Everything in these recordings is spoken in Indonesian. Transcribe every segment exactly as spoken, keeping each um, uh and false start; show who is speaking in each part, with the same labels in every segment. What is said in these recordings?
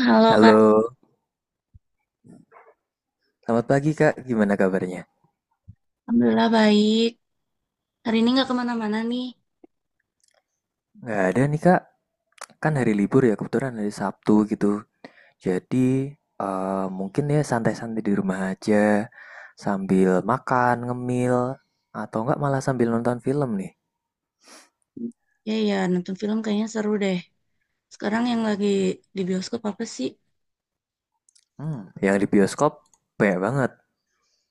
Speaker 1: Halo Kak,
Speaker 2: Halo, selamat pagi Kak. Gimana kabarnya?
Speaker 1: alhamdulillah baik. Hari ini nggak kemana-mana nih.
Speaker 2: Nggak ada nih Kak, kan hari libur ya kebetulan hari Sabtu gitu. Jadi eh, mungkin ya santai-santai di rumah aja sambil makan, ngemil, atau nggak malah sambil nonton film nih.
Speaker 1: Ya ya, nonton film kayaknya seru deh. Sekarang yang lagi di bioskop apa sih?
Speaker 2: Hmm, yang di bioskop banyak banget.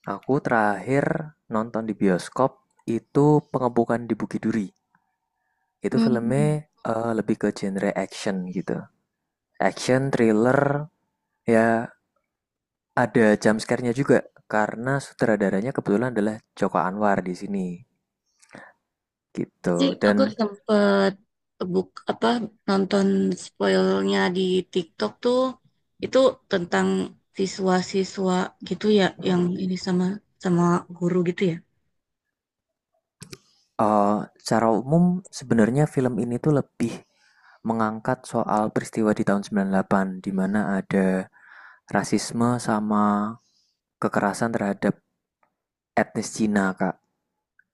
Speaker 2: Aku terakhir nonton di bioskop itu Pengepungan di Bukit Duri. Itu
Speaker 1: Hmm,
Speaker 2: filmnya eh, lebih ke genre action gitu. Action, thriller, ya. Ada jump scare-nya juga, karena sutradaranya kebetulan adalah Joko Anwar di sini, gitu.
Speaker 1: sih aku
Speaker 2: Dan
Speaker 1: sempet buk apa nonton spoilnya di TikTok tuh itu tentang siswa-siswa gitu ya yang ini sama sama guru gitu ya.
Speaker 2: eh, secara umum sebenarnya film ini tuh lebih mengangkat soal peristiwa di tahun sembilan puluh delapan di mana ada rasisme sama kekerasan terhadap etnis Cina, Kak.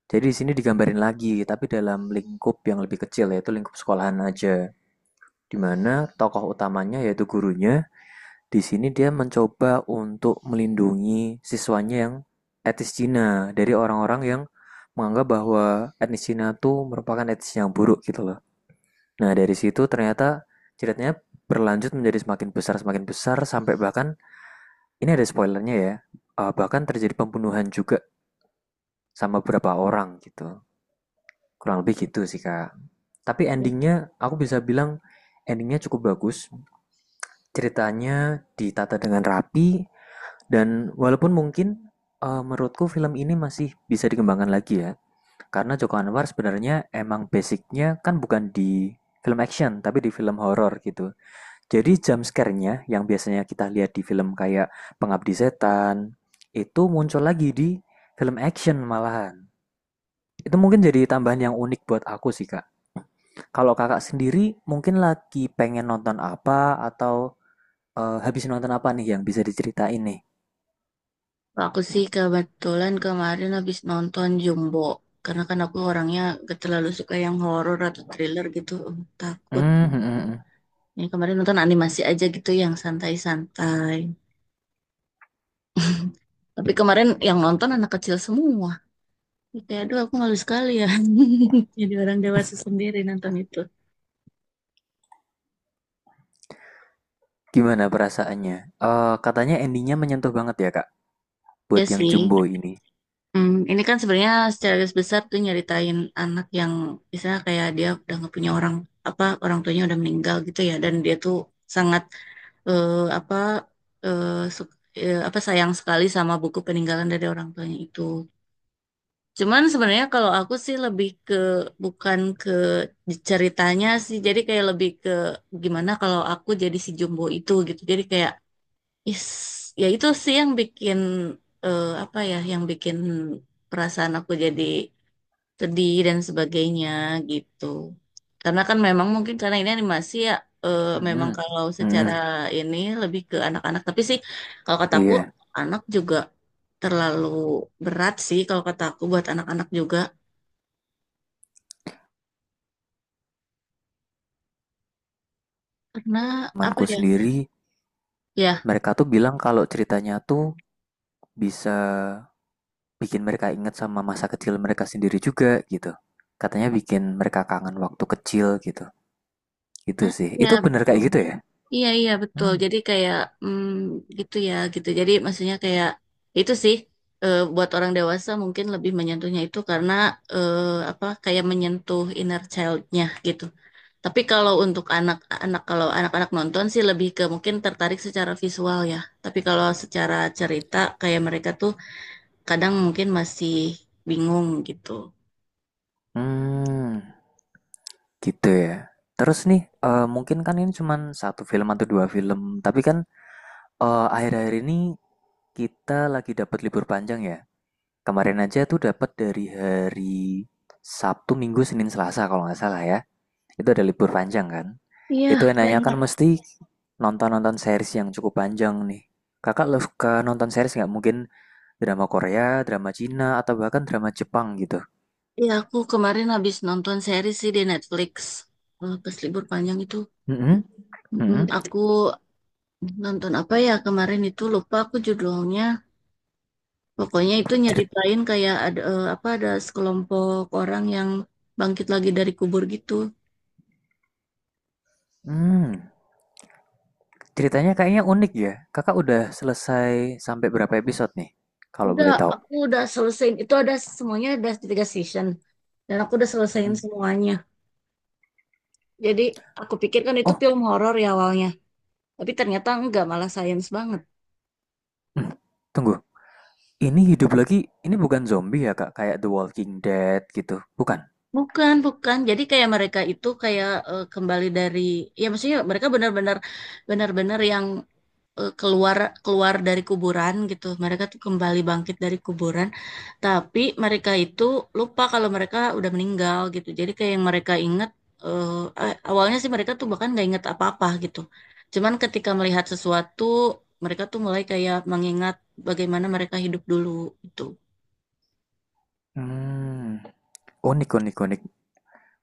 Speaker 2: Jadi di sini digambarin lagi, tapi dalam lingkup yang lebih kecil, yaitu lingkup sekolahan aja. Di mana tokoh utamanya yaitu gurunya. Di sini dia mencoba untuk melindungi siswanya yang etnis Cina dari orang-orang yang menganggap bahwa etnis Cina tuh merupakan etnis yang buruk gitu loh. Nah, dari situ ternyata ceritanya berlanjut menjadi semakin besar semakin besar sampai bahkan ini ada spoilernya ya. Eh, bahkan terjadi pembunuhan juga sama beberapa orang gitu. Kurang lebih gitu sih, Kak. Tapi endingnya aku bisa bilang endingnya cukup bagus. Ceritanya ditata dengan rapi. Dan walaupun mungkin, eee, menurutku film ini masih bisa dikembangkan lagi ya, karena Joko Anwar sebenarnya emang basicnya kan bukan di film action, tapi di film horor gitu. Jadi jump scare-nya yang biasanya kita lihat di film kayak Pengabdi Setan, itu muncul lagi di film action malahan. Itu mungkin jadi tambahan yang unik buat aku sih, Kak. Kalau Kakak sendiri mungkin lagi pengen nonton apa, atau eee, habis nonton apa nih yang bisa diceritain nih?
Speaker 1: Aku sih kebetulan kemarin habis nonton Jumbo. Karena kan aku orangnya gak terlalu suka yang horor atau thriller gitu. em, Takut.
Speaker 2: Mmm, mhm mhm.
Speaker 1: Ini kemarin nonton animasi aja gitu yang santai-santai. Tapi kemarin yang nonton anak kecil semua. Kayak aduh aku malu sekali ya. Jadi orang dewasa sendiri nonton itu.
Speaker 2: Gimana perasaannya? Eee, katanya endingnya menyentuh banget ya, Kak,
Speaker 1: Ya
Speaker 2: buat yang
Speaker 1: sih.
Speaker 2: Jumbo ini?
Speaker 1: Hmm, ini kan sebenarnya secara garis besar tuh nyeritain anak yang misalnya kayak dia udah nggak punya orang apa orang tuanya udah meninggal gitu ya dan dia tuh sangat eh, apa eh, su- eh, apa sayang sekali sama buku peninggalan dari orang tuanya itu. Cuman sebenarnya kalau aku sih lebih ke bukan ke ceritanya sih jadi kayak lebih ke gimana kalau aku jadi si Jumbo itu gitu. Jadi kayak Is, ya itu sih yang bikin eh, apa ya, yang bikin perasaan aku jadi sedih dan sebagainya gitu. Karena kan memang mungkin karena ini animasi ya, eh, memang
Speaker 2: Mhm,
Speaker 1: kalau
Speaker 2: mhm,
Speaker 1: secara ini lebih ke anak-anak. Tapi sih kalau kataku
Speaker 2: iya.
Speaker 1: anak juga terlalu berat sih kalau kataku buat anak-anak juga. Karena apa
Speaker 2: Temanku
Speaker 1: ya?
Speaker 2: sendiri,
Speaker 1: Ya,
Speaker 2: mereka tuh bilang kalau ceritanya tuh bisa bikin mereka ingat sama masa kecil mereka sendiri juga, gitu. Katanya bikin mereka kangen waktu kecil, gitu. Itu
Speaker 1: nah,
Speaker 2: sih.
Speaker 1: ya
Speaker 2: Itu bener
Speaker 1: betul.
Speaker 2: kayak gitu ya?
Speaker 1: Iya iya betul.
Speaker 2: Mmm,
Speaker 1: Jadi kayak mm, gitu ya gitu. Jadi maksudnya kayak itu sih eh, buat orang dewasa mungkin lebih menyentuhnya itu karena eh, apa kayak menyentuh inner childnya gitu. Tapi kalau untuk anak-anak kalau anak-anak nonton sih lebih ke mungkin tertarik secara visual ya. Tapi kalau secara cerita kayak mereka tuh kadang mungkin masih bingung gitu.
Speaker 2: mmm, gitu ya. Terus nih, eee, mungkin kan ini cuman satu film atau dua film, tapi kan, eh, akhir-akhir ini kita lagi dapat libur panjang ya. Kemarin aja tuh dapat dari hari Sabtu, Minggu, Senin, Selasa kalau nggak salah ya. Itu ada libur panjang kan.
Speaker 1: Iya
Speaker 2: Itu enaknya kan
Speaker 1: banyak.
Speaker 2: mesti nonton-nonton series yang cukup panjang nih. Kakak lo suka nonton series nggak? Mungkin drama Korea, drama Cina, atau bahkan drama Jepang gitu.
Speaker 1: Iya aku kemarin habis nonton series sih di Netflix. Eh, Pas libur panjang itu.
Speaker 2: Mm-mm,
Speaker 1: Mm,
Speaker 2: mm-mm.
Speaker 1: aku nonton apa ya kemarin itu lupa aku judulnya. Pokoknya itu
Speaker 2: Cerit-
Speaker 1: nyeritain kayak ada eh, apa ada sekelompok orang yang bangkit lagi dari kubur gitu.
Speaker 2: Hmm, ceritanya kayaknya unik ya. Kakak udah selesai sampai berapa episode nih? Kalau
Speaker 1: Udah,
Speaker 2: boleh tahu.
Speaker 1: aku udah selesaiin itu ada semuanya ada tiga season dan aku udah selesaiin
Speaker 2: Mm-mm.
Speaker 1: semuanya. Jadi aku pikir kan itu
Speaker 2: Oh,
Speaker 1: film horor ya awalnya, tapi ternyata enggak malah science banget.
Speaker 2: mm, tunggu. Ini hidup lagi, ini bukan zombie ya Kak, kayak The Walking Dead gitu, bukan?
Speaker 1: Bukan, bukan. Jadi kayak mereka itu kayak eh, kembali dari ya maksudnya mereka benar-benar benar-benar yang eh, keluar keluar dari kuburan gitu. Mereka tuh kembali bangkit dari kuburan, tapi mereka itu lupa kalau mereka udah meninggal gitu. Jadi kayak yang mereka ingat eh, a- awalnya sih mereka tuh bahkan nggak ingat apa-apa gitu. Cuman ketika melihat sesuatu, mereka tuh mulai kayak mengingat bagaimana mereka hidup dulu itu.
Speaker 2: Hmm, unik unik unik.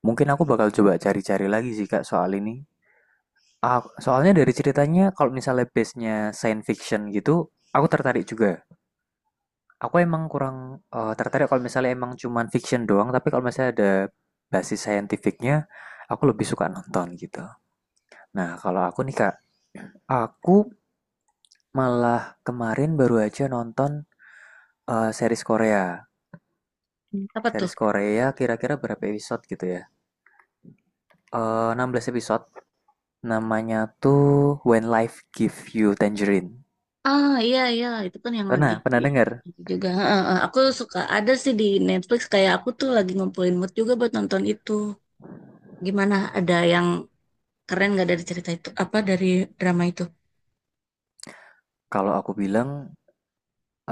Speaker 2: Mungkin aku bakal coba cari-cari lagi sih Kak soal ini. Ah, soalnya dari ceritanya kalau misalnya base-nya science fiction gitu, aku tertarik juga. Aku emang kurang eh, tertarik kalau misalnya emang cuman fiction doang, tapi kalau misalnya ada basis saintifiknya, aku lebih suka nonton gitu. Nah, kalau aku nih Kak, aku malah kemarin baru aja nonton eh, series Korea.
Speaker 1: Apa tuh?
Speaker 2: Series Korea kira-kira berapa episode gitu ya? Eh, enam belas episode. Namanya tuh When Life Give You Tangerine.
Speaker 1: Ah iya iya itu kan yang lagi
Speaker 2: Pernah, pernah dengar?
Speaker 1: juga. Heeh, heeh, aku suka ada sih di Netflix kayak aku tuh lagi ngumpulin mood juga buat nonton itu gimana ada yang keren nggak dari cerita itu apa dari drama itu.
Speaker 2: Kalau aku bilang,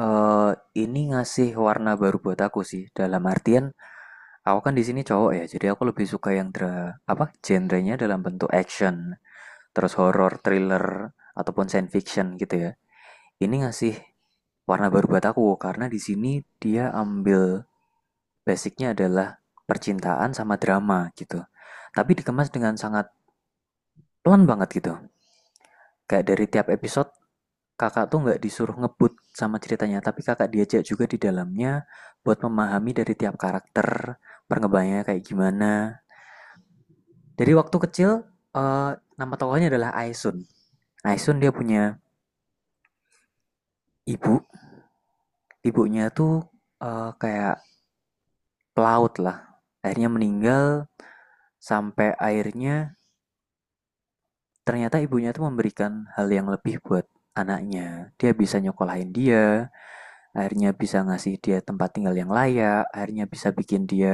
Speaker 2: eh ini ngasih warna baru buat aku sih. Dalam artian aku kan di sini cowok ya, jadi aku lebih suka yang dra apa? Genrenya dalam bentuk action, terus horror, thriller ataupun science fiction gitu ya. Ini ngasih warna baru buat aku karena di sini dia ambil. Basicnya adalah percintaan sama drama gitu. Tapi dikemas dengan sangat pelan banget gitu. Kayak dari tiap episode kakak tuh nggak disuruh ngebut sama ceritanya, tapi kakak diajak juga di dalamnya buat memahami dari tiap karakter, perkembangannya kayak gimana. Dari waktu kecil, eh, nama tokohnya adalah Aisun. Aisun dia punya ibu, ibunya tuh eh, kayak pelaut lah. Akhirnya meninggal, sampai akhirnya ternyata ibunya tuh memberikan hal yang lebih buat anaknya. Dia bisa nyekolahin dia, akhirnya bisa ngasih dia tempat tinggal yang layak, akhirnya bisa bikin dia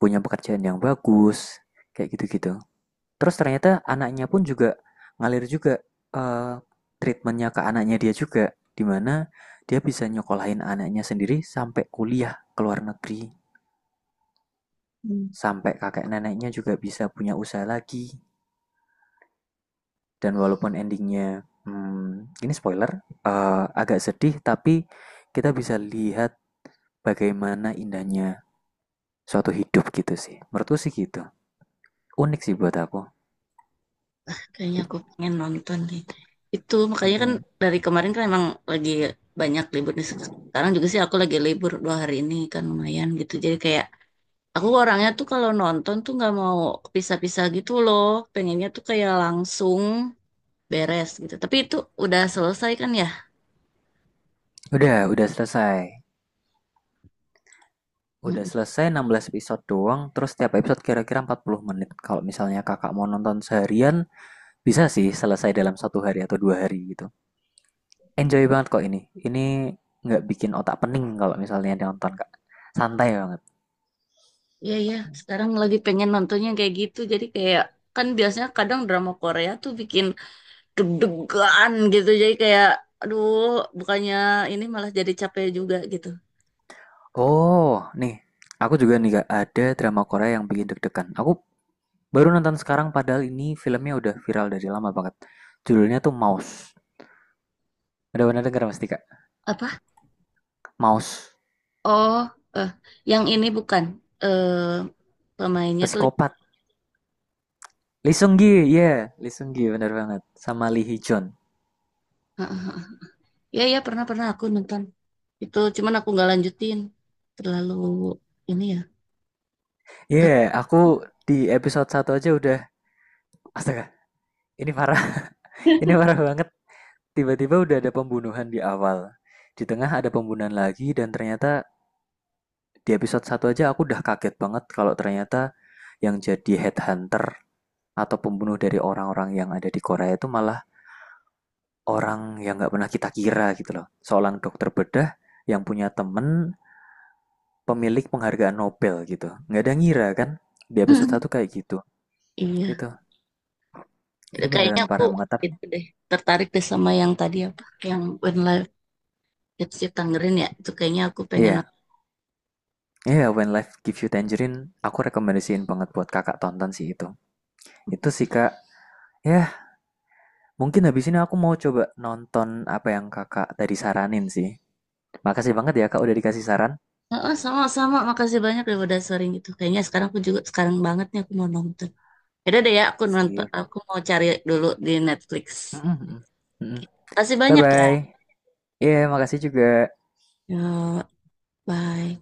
Speaker 2: punya pekerjaan yang bagus, kayak gitu-gitu. Terus ternyata anaknya pun juga ngalir juga eh, treatmentnya ke anaknya dia juga, dimana dia bisa nyekolahin anaknya sendiri sampai kuliah ke luar negeri, sampai kakek neneknya juga bisa punya usaha lagi. Dan walaupun endingnya, hmm, ini spoiler, eh, agak sedih, tapi kita bisa lihat bagaimana indahnya suatu hidup gitu sih. Menurutku sih gitu. Unik sih buat aku.
Speaker 1: Kayaknya aku pengen nonton deh itu makanya kan dari kemarin kan emang lagi banyak libur nih, sekarang juga sih aku lagi libur dua hari ini kan lumayan gitu jadi kayak aku orangnya tuh kalau nonton tuh nggak mau pisah-pisah gitu loh, pengennya tuh kayak langsung beres gitu tapi itu udah selesai kan ya.
Speaker 2: Udah, udah selesai. Udah
Speaker 1: Mm.
Speaker 2: selesai enam belas episode doang, terus setiap episode kira-kira empat puluh menit. Kalau misalnya kakak mau nonton seharian, bisa sih selesai dalam satu hari atau dua hari gitu. Enjoy banget kok ini. Ini nggak bikin otak pening kalau misalnya nonton, Kak. Santai banget.
Speaker 1: Iya iya, sekarang lagi pengen nontonnya kayak gitu. Jadi kayak kan biasanya kadang drama Korea tuh bikin deg-degan gitu jadi kayak aduh bukannya ini malah jadi capek juga gitu.
Speaker 2: Oh, nih, aku juga nih gak ada drama Korea yang bikin deg-degan. Aku baru nonton sekarang padahal ini filmnya udah viral dari lama banget. Judulnya tuh Mouse. Ada benar dengar pasti Kak?
Speaker 1: Apa?
Speaker 2: Mouse.
Speaker 1: Oh, eh yang ini bukan, eh pemainnya tuh.
Speaker 2: Psikopat. Lee Seung Gi, iya, Lee Seung Gi benar banget. Sama Lee Hee Jun.
Speaker 1: Heeh, ya ya pernah pernah aku nonton itu cuman aku nggak lanjutin terlalu ini ya.
Speaker 2: Iya, aku di episode satu aja udah astaga, ini parah. Ini parah banget. Tiba-tiba udah ada pembunuhan di awal. Di tengah ada pembunuhan lagi dan ternyata di episode satu aja aku udah kaget banget kalau ternyata yang jadi headhunter atau pembunuh dari orang-orang yang ada di Korea itu malah orang yang nggak pernah kita kira gitu loh. Seorang dokter bedah yang punya temen pemilik penghargaan Nobel gitu. Nggak ada ngira kan? Di episode satu kayak gitu.
Speaker 1: Iya,
Speaker 2: Itu itu
Speaker 1: kayaknya
Speaker 2: beneran
Speaker 1: aku
Speaker 2: parah mengetapnya.
Speaker 1: itu deh, tertarik deh sama yang tadi apa yang When Life Gets You Tangerine ya itu kayaknya aku pengen
Speaker 2: Iya,
Speaker 1: nonton.
Speaker 2: iya, When Life Gives You Tangerine aku rekomendasiin banget buat kakak tonton sih itu. Itu sih kak. Ya, yeah, mungkin habis ini aku mau coba nonton apa yang kakak tadi saranin sih. Makasih banget ya Kak udah dikasih saran.
Speaker 1: Heeh, sama-sama. Makasih banyak ya udah sharing itu. Kayaknya sekarang aku juga sekarang banget nih aku mau nonton. Yaudah deh ya, aku nonton,
Speaker 2: Sip.
Speaker 1: aku mau cari dulu di Netflix.
Speaker 2: Mm-mm,
Speaker 1: Oke.
Speaker 2: mm-mm.
Speaker 1: Makasih banyak ya.
Speaker 2: Bye-bye. Iya, makasih juga.
Speaker 1: Yuk, bye.